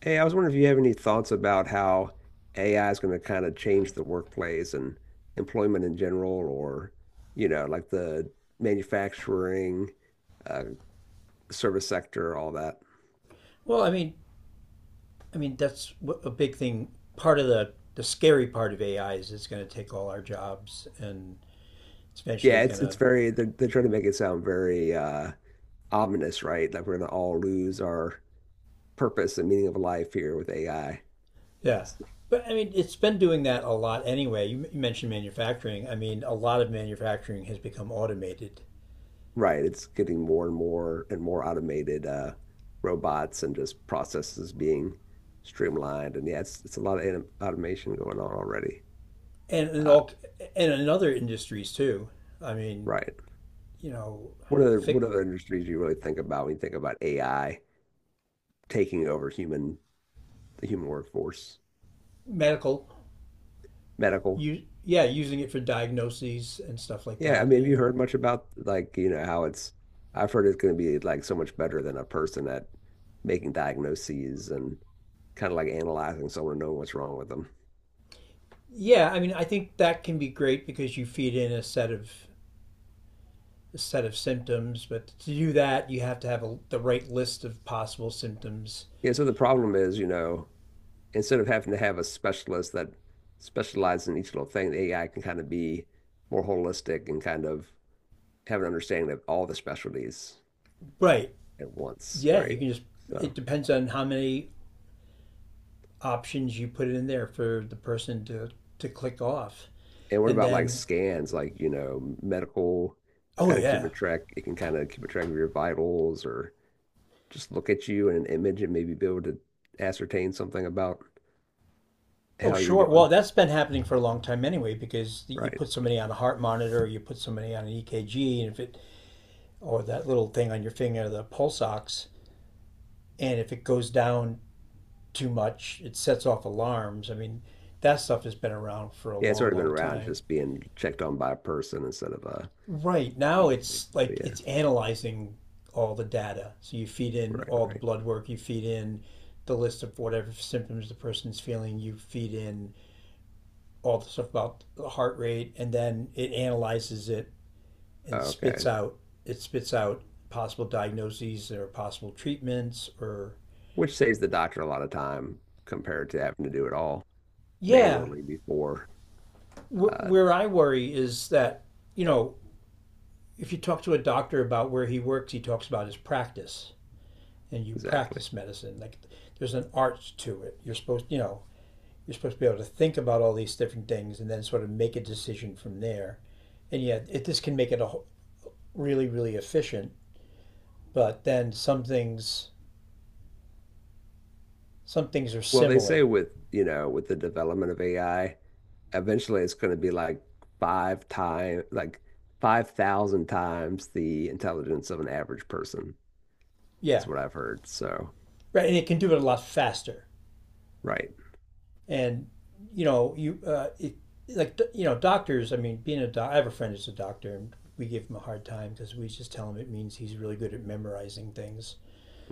Hey, I was wondering if you have any thoughts about how AI is going to kind of change the workplace and employment in general, or, like the manufacturing, uh, service sector, all that. Well, I mean that's a big thing. Part of the scary part of AI is it's going to take all our jobs, and it's eventually Yeah, going it's to very they're trying to make it sound very ominous, right? Like we're going to all lose our purpose and meaning of life here with AI. yeah. But I mean, it's been doing that a lot anyway. You mentioned manufacturing. I mean, a lot of manufacturing has become automated, Right. It's getting more and more and more automated, robots and just processes being streamlined. And yeah, it's a lot of automation going on already. and in Uh, all and in other industries too. I mean, right. you know, What other fic, what other industries do you really think about when you think about AI taking over human the human workforce? medical, Medical. you yeah, using it for diagnoses and stuff like Yeah, I that. Mean, have you heard much about how it's I've heard it's going to be like so much better than a person at making diagnoses and kind of like analyzing someone and knowing what's wrong with them. Yeah. I mean, I think that can be great because you feed in a set of symptoms, but to do that, you have to have the right list of possible symptoms. Yeah, so the problem is, instead of having to have a specialist that specializes in each little thing, the AI can kind of be more holistic and kind of have an understanding of all the specialties Right. at once, Yeah, right? So, it depends on how many options you put in there for to click off. and what And about like then, scans, medical oh, kind of yeah. keeping track, it can kind of keep a track of your vitals or just look at you in an image and maybe be able to ascertain something about Oh, how you're sure. Well, doing, that's been happening for a long time anyway, because you right? put somebody on a heart monitor, or you put somebody on an EKG, and if it, or that little thing on your finger, the pulse ox, and if it goes down too much. It sets off alarms. I mean, that stuff has been around for a Yeah, it's long, already been long around time. just being checked on by a person instead of a Right now, machine, it's basically. like Yeah, it's analyzing all the data. So you feed in right, all the right. blood work, you feed in the list of whatever symptoms the person's feeling, you feed in all the stuff about the heart rate, and then it analyzes it and spits Okay. out it spits out possible diagnoses or possible treatments or Which saves the doctor a lot of time compared to having to do it all yeah manually before. Uh, where I worry is that you know if you talk to a doctor about where he works, he talks about his practice, and you exactly. practice medicine. Like there's an art to it. You're supposed to be able to think about all these different things and then sort of make a decision from there. And yet, this can make it a whole, really, really efficient. But then some things are Well, they say similar. with, with the development of AI, eventually it's going to be like five time, like 5,000 times the intelligence of an average person Yeah, is what I've heard. So, right. And it can do it a lot faster. right, And you know you it, like doctors. I mean, I have a friend who's a doctor, and we give him a hard time because we just tell him it means he's really good at memorizing things.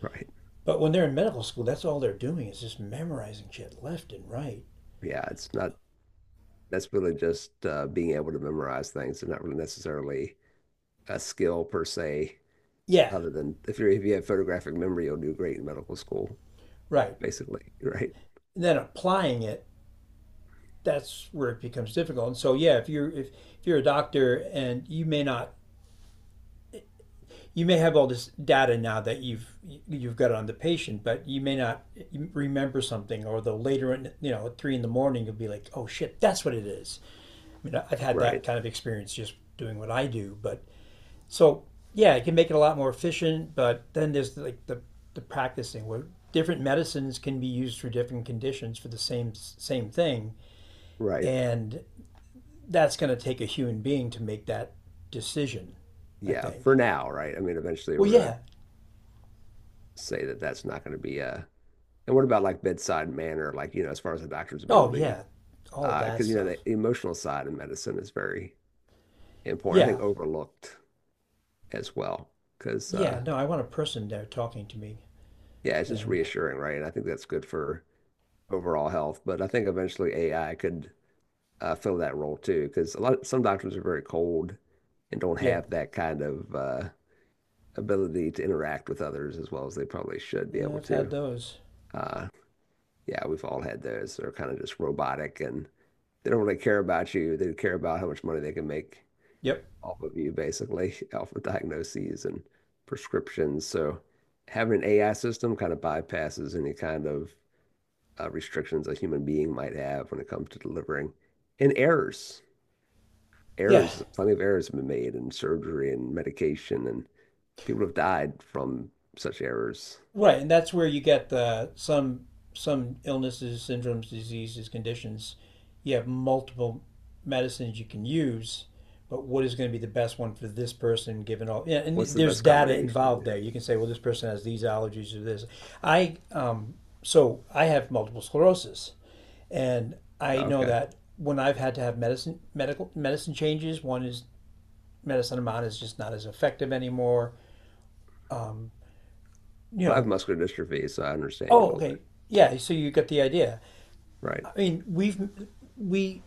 right. But when they're in medical school, that's all they're doing is just memorizing shit left and right. Yeah, it's not, that's really just being able to memorize things and not really necessarily a skill per se, Yeah, other than if you have photographic memory, you'll do great in medical school, right. basically, right? And then applying it, that's where it becomes difficult. And so yeah, if you're a doctor and you may not you may have all this data now that you've got on the patient, but you may not remember something, or the later in at 3 in the morning you'll be like, oh shit, that's what it is. I mean, I've had that Right. kind of experience just doing what I do, but so yeah, it can make it a lot more efficient. But then there's like the practicing where different medicines can be used for different conditions for the same thing, Right. and that's going to take a human being to make that decision, I Yeah. think. For now, right? I mean, eventually Well, we're going to yeah, say that that's not going to be a. And what about like bedside manner, as far as the doctor's oh, ability? yeah, all of Because, that you know, stuff. the emotional side of medicine is very important. I Yeah, think overlooked as well. Because, yeah, uh, no, I want a person there talking to me. yeah, it's just And reassuring, right? And I think that's good for overall health. But I think eventually AI could, fill that role too, because a lot some doctors are very cold and don't yeah, have that kind of, ability to interact with others as well as they probably should be yeah able I've had to. those. Uh, yeah, we've all had those. They're kind of just robotic and they don't really care about you. They care about how much money they can make Yep. off of you, basically, off of diagnoses and prescriptions. So having an AI system kind of bypasses any kind of, restrictions a human being might have when it comes to delivering. And errors, Yeah, errors, plenty of errors have been made in surgery and medication, and people have died from such errors. right, and that's where you get the some illnesses, syndromes, diseases, conditions. You have multiple medicines you can use, but what is going to be the best one for this person given all? Yeah, What's and the there's best data involved there. combination? You can say, well, this person has these allergies or this. I so I have multiple sclerosis, and I know Okay. that when I've had to have medicine changes, one is medicine I'm on is just not as effective anymore. You Well, I have know, muscular dystrophy, so I understand you a oh little bit. okay, yeah. So you get the idea. Right. I mean, we've we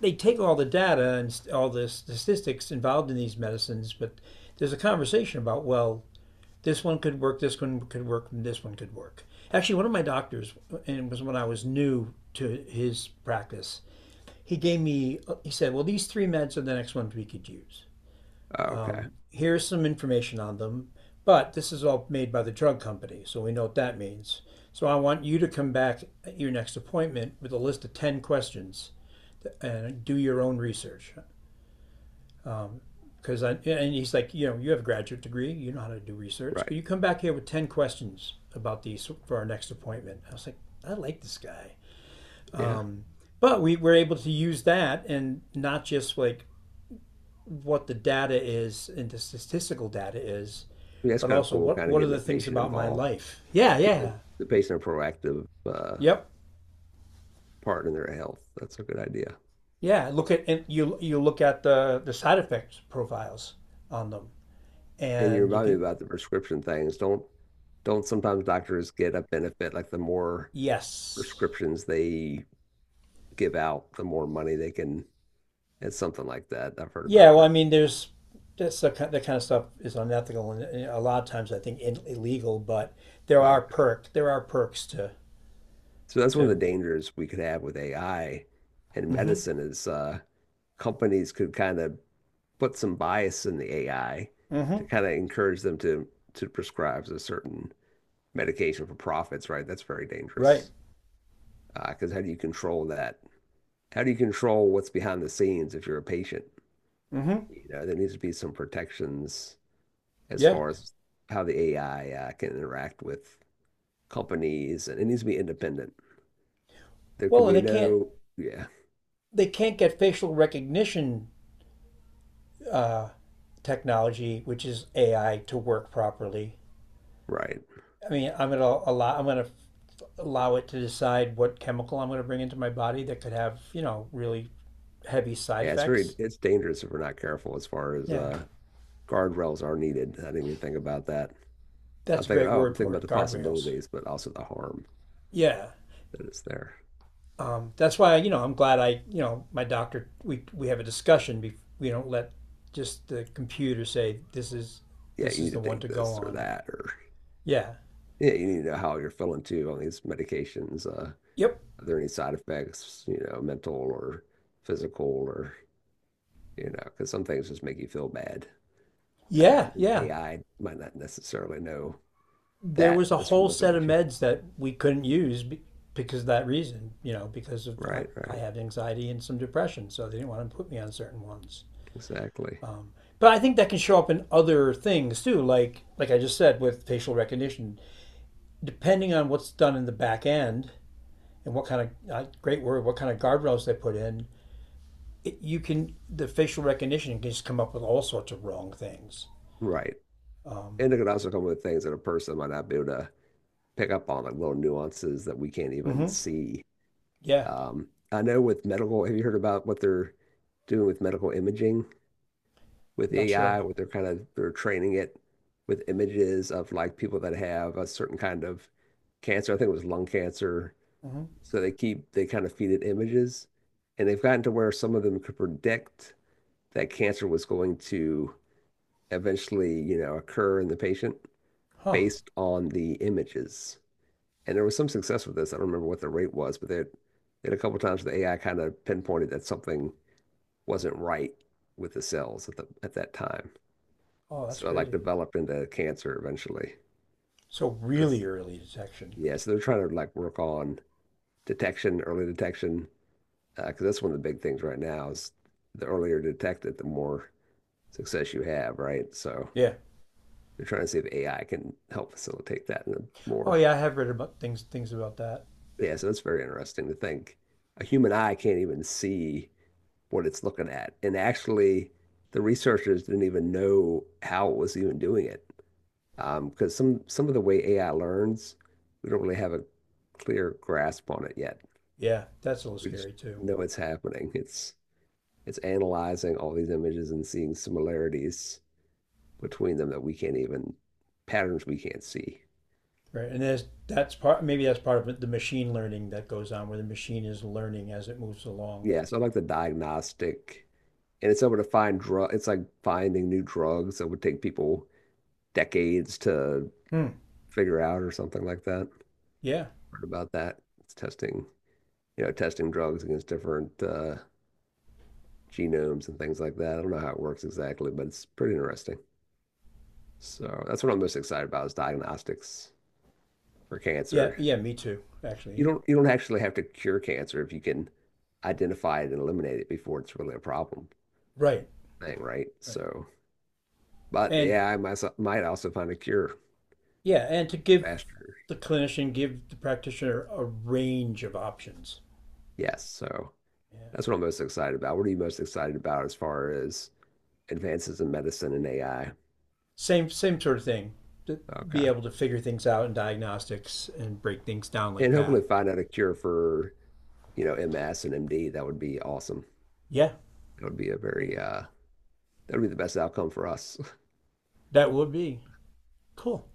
they take all the data and all the statistics involved in these medicines, but there's a conversation about well, this one could work, this one could work, and this one could work. Actually, one of my doctors, and it was when I was new to his practice, he gave me he said, well, these three meds are the next ones we could use. Okay. Here's some information on them, but this is all made by the drug company, so we know what that means. So I want you to come back at your next appointment with a list of 10 questions and do your own research. Because I yeah, and he's like, you know, you have a graduate degree, you know how to do research. Could you Right. come back here with 10 questions about these for our next appointment? I was like, I like this guy. Yeah. But we were able to use that and not just like what the data is and the statistical data is, Yeah, that's but kind of also cool, kind of what are getting the the things patient about my involved, life? Yeah, getting yeah, the patient a proactive, yep, part in their health. That's a good idea. yeah. Look at and you look at the side effects profiles on them, And you and you remind me can about the prescription things. Don't sometimes doctors get a benefit like the more yes, prescriptions they give out, the more money they can. It's something like that. I've heard yeah, about well, I that. mean, there's that's that kind of stuff is unethical and a lot of times I think in, illegal, but Okay. There are perks So that's one of to the dangers we could have with AI and mm hmm medicine is, companies could kind of put some bias in the AI mm hmm to kind of encourage them to prescribe a certain medication for profits, right? That's very right dangerous. Because how do you control that? How do you control what's behind the scenes if you're a patient? mm hmm You know, there needs to be some protections as yeah. far as how the AI, can interact with companies, and it needs to be independent. There can Well, and be no, yeah, they can't get facial recognition uh, technology, which is AI, to work properly. right. I mean, I'm gonna allow it to decide what chemical I'm gonna bring into my body that could have really heavy side Yeah, effects. it's dangerous if we're not careful as far as, Yeah. Guardrails are needed. I didn't even think about that. That's a great I'm word thinking for about it. the Guardrails. possibilities, but also the harm Yeah. that is there. That's why I'm glad I you know my doctor we have a discussion. We don't let just the computer say Yeah, this you is need the to one to take go this or on. that, or Yeah. yeah, you need to know how you're feeling too on these medications. Yep. Are there any side effects, mental or physical, or, you know, because some things just make you feel bad. Yeah. And Yeah. AI might not necessarily know There that was a just from whole looking set of at you. meds that we couldn't use because of that reason. You know, because of I Right, I right. had anxiety and some depression, so they didn't want to put me on certain ones. Exactly. Um, but I think that can show up in other things too, like I just said with facial recognition depending on what's done in the back end and what kind of great word, what kind of guardrails they put in, you can the facial recognition can just come up with all sorts of wrong things. Right. Um, And it could also come with things that a person might not be able to pick up on, like little nuances that we can't even mm-hmm. see. Yeah, I know with medical, have you heard about what they're doing with medical imaging with not sure. AI, what they're kind of they're training it with images of like people that have a certain kind of cancer. I think it was lung cancer. Mm-hmm. So they kind of feed it images, and they've gotten to where some of them could predict that cancer was going to eventually, you know, occur in the patient Huh. based on the images. And there was some success with this. I don't remember what the rate was, but they had a couple times where the AI kind of pinpointed that something wasn't right with the cells at the at that time. Oh, that's So it like crazy. developed into cancer eventually. So That's really early detection. yeah. So they're trying to like work on detection, early detection, because that's one of the big things right now is the earlier detected, the more success you have, right? So Yeah. they're trying to see if AI can help facilitate that in a Oh more yeah, I have read about things about that. yeah. So that's very interesting to think. A human eye can't even see what it's looking at. And actually, the researchers didn't even know how it was even doing it. Because some of the way AI learns, we don't really have a clear grasp on it yet. Yeah, that's a little We just scary too. know it's happening. It's analyzing all these images and seeing similarities between them that we can't even, patterns we can't see. Right. And there's that's part maybe that's part of the machine learning that goes on where the machine is learning as it moves along. Yeah, so I like the diagnostic, and it's able to find drug. It's like finding new drugs that would take people decades to Hmm. figure out or something like that. Yeah. Heard about that. It's testing, you know, testing drugs against different, genomes and things like that. I don't know how it works exactly, but it's pretty interesting. So that's what I'm most excited about is diagnostics for Yeah, cancer. yeah, me too, actually. You don't actually have to cure cancer if you can identify it and eliminate it before it's really a problem Right, thing, right? right. So, but the And AI might, so, might also find a cure yeah, and to give faster. Give the practitioner a range of options. Yes, so Yeah. that's what I'm most excited about. What are you most excited about as far as advances in medicine and AI? Same sort of thing. To be Okay. able to figure things out in diagnostics and break things down like And hopefully that. find out a cure for, you know, MS and MD. That would be awesome. Yeah. That would be a Yeah. very that would be the best outcome for us. That would be cool.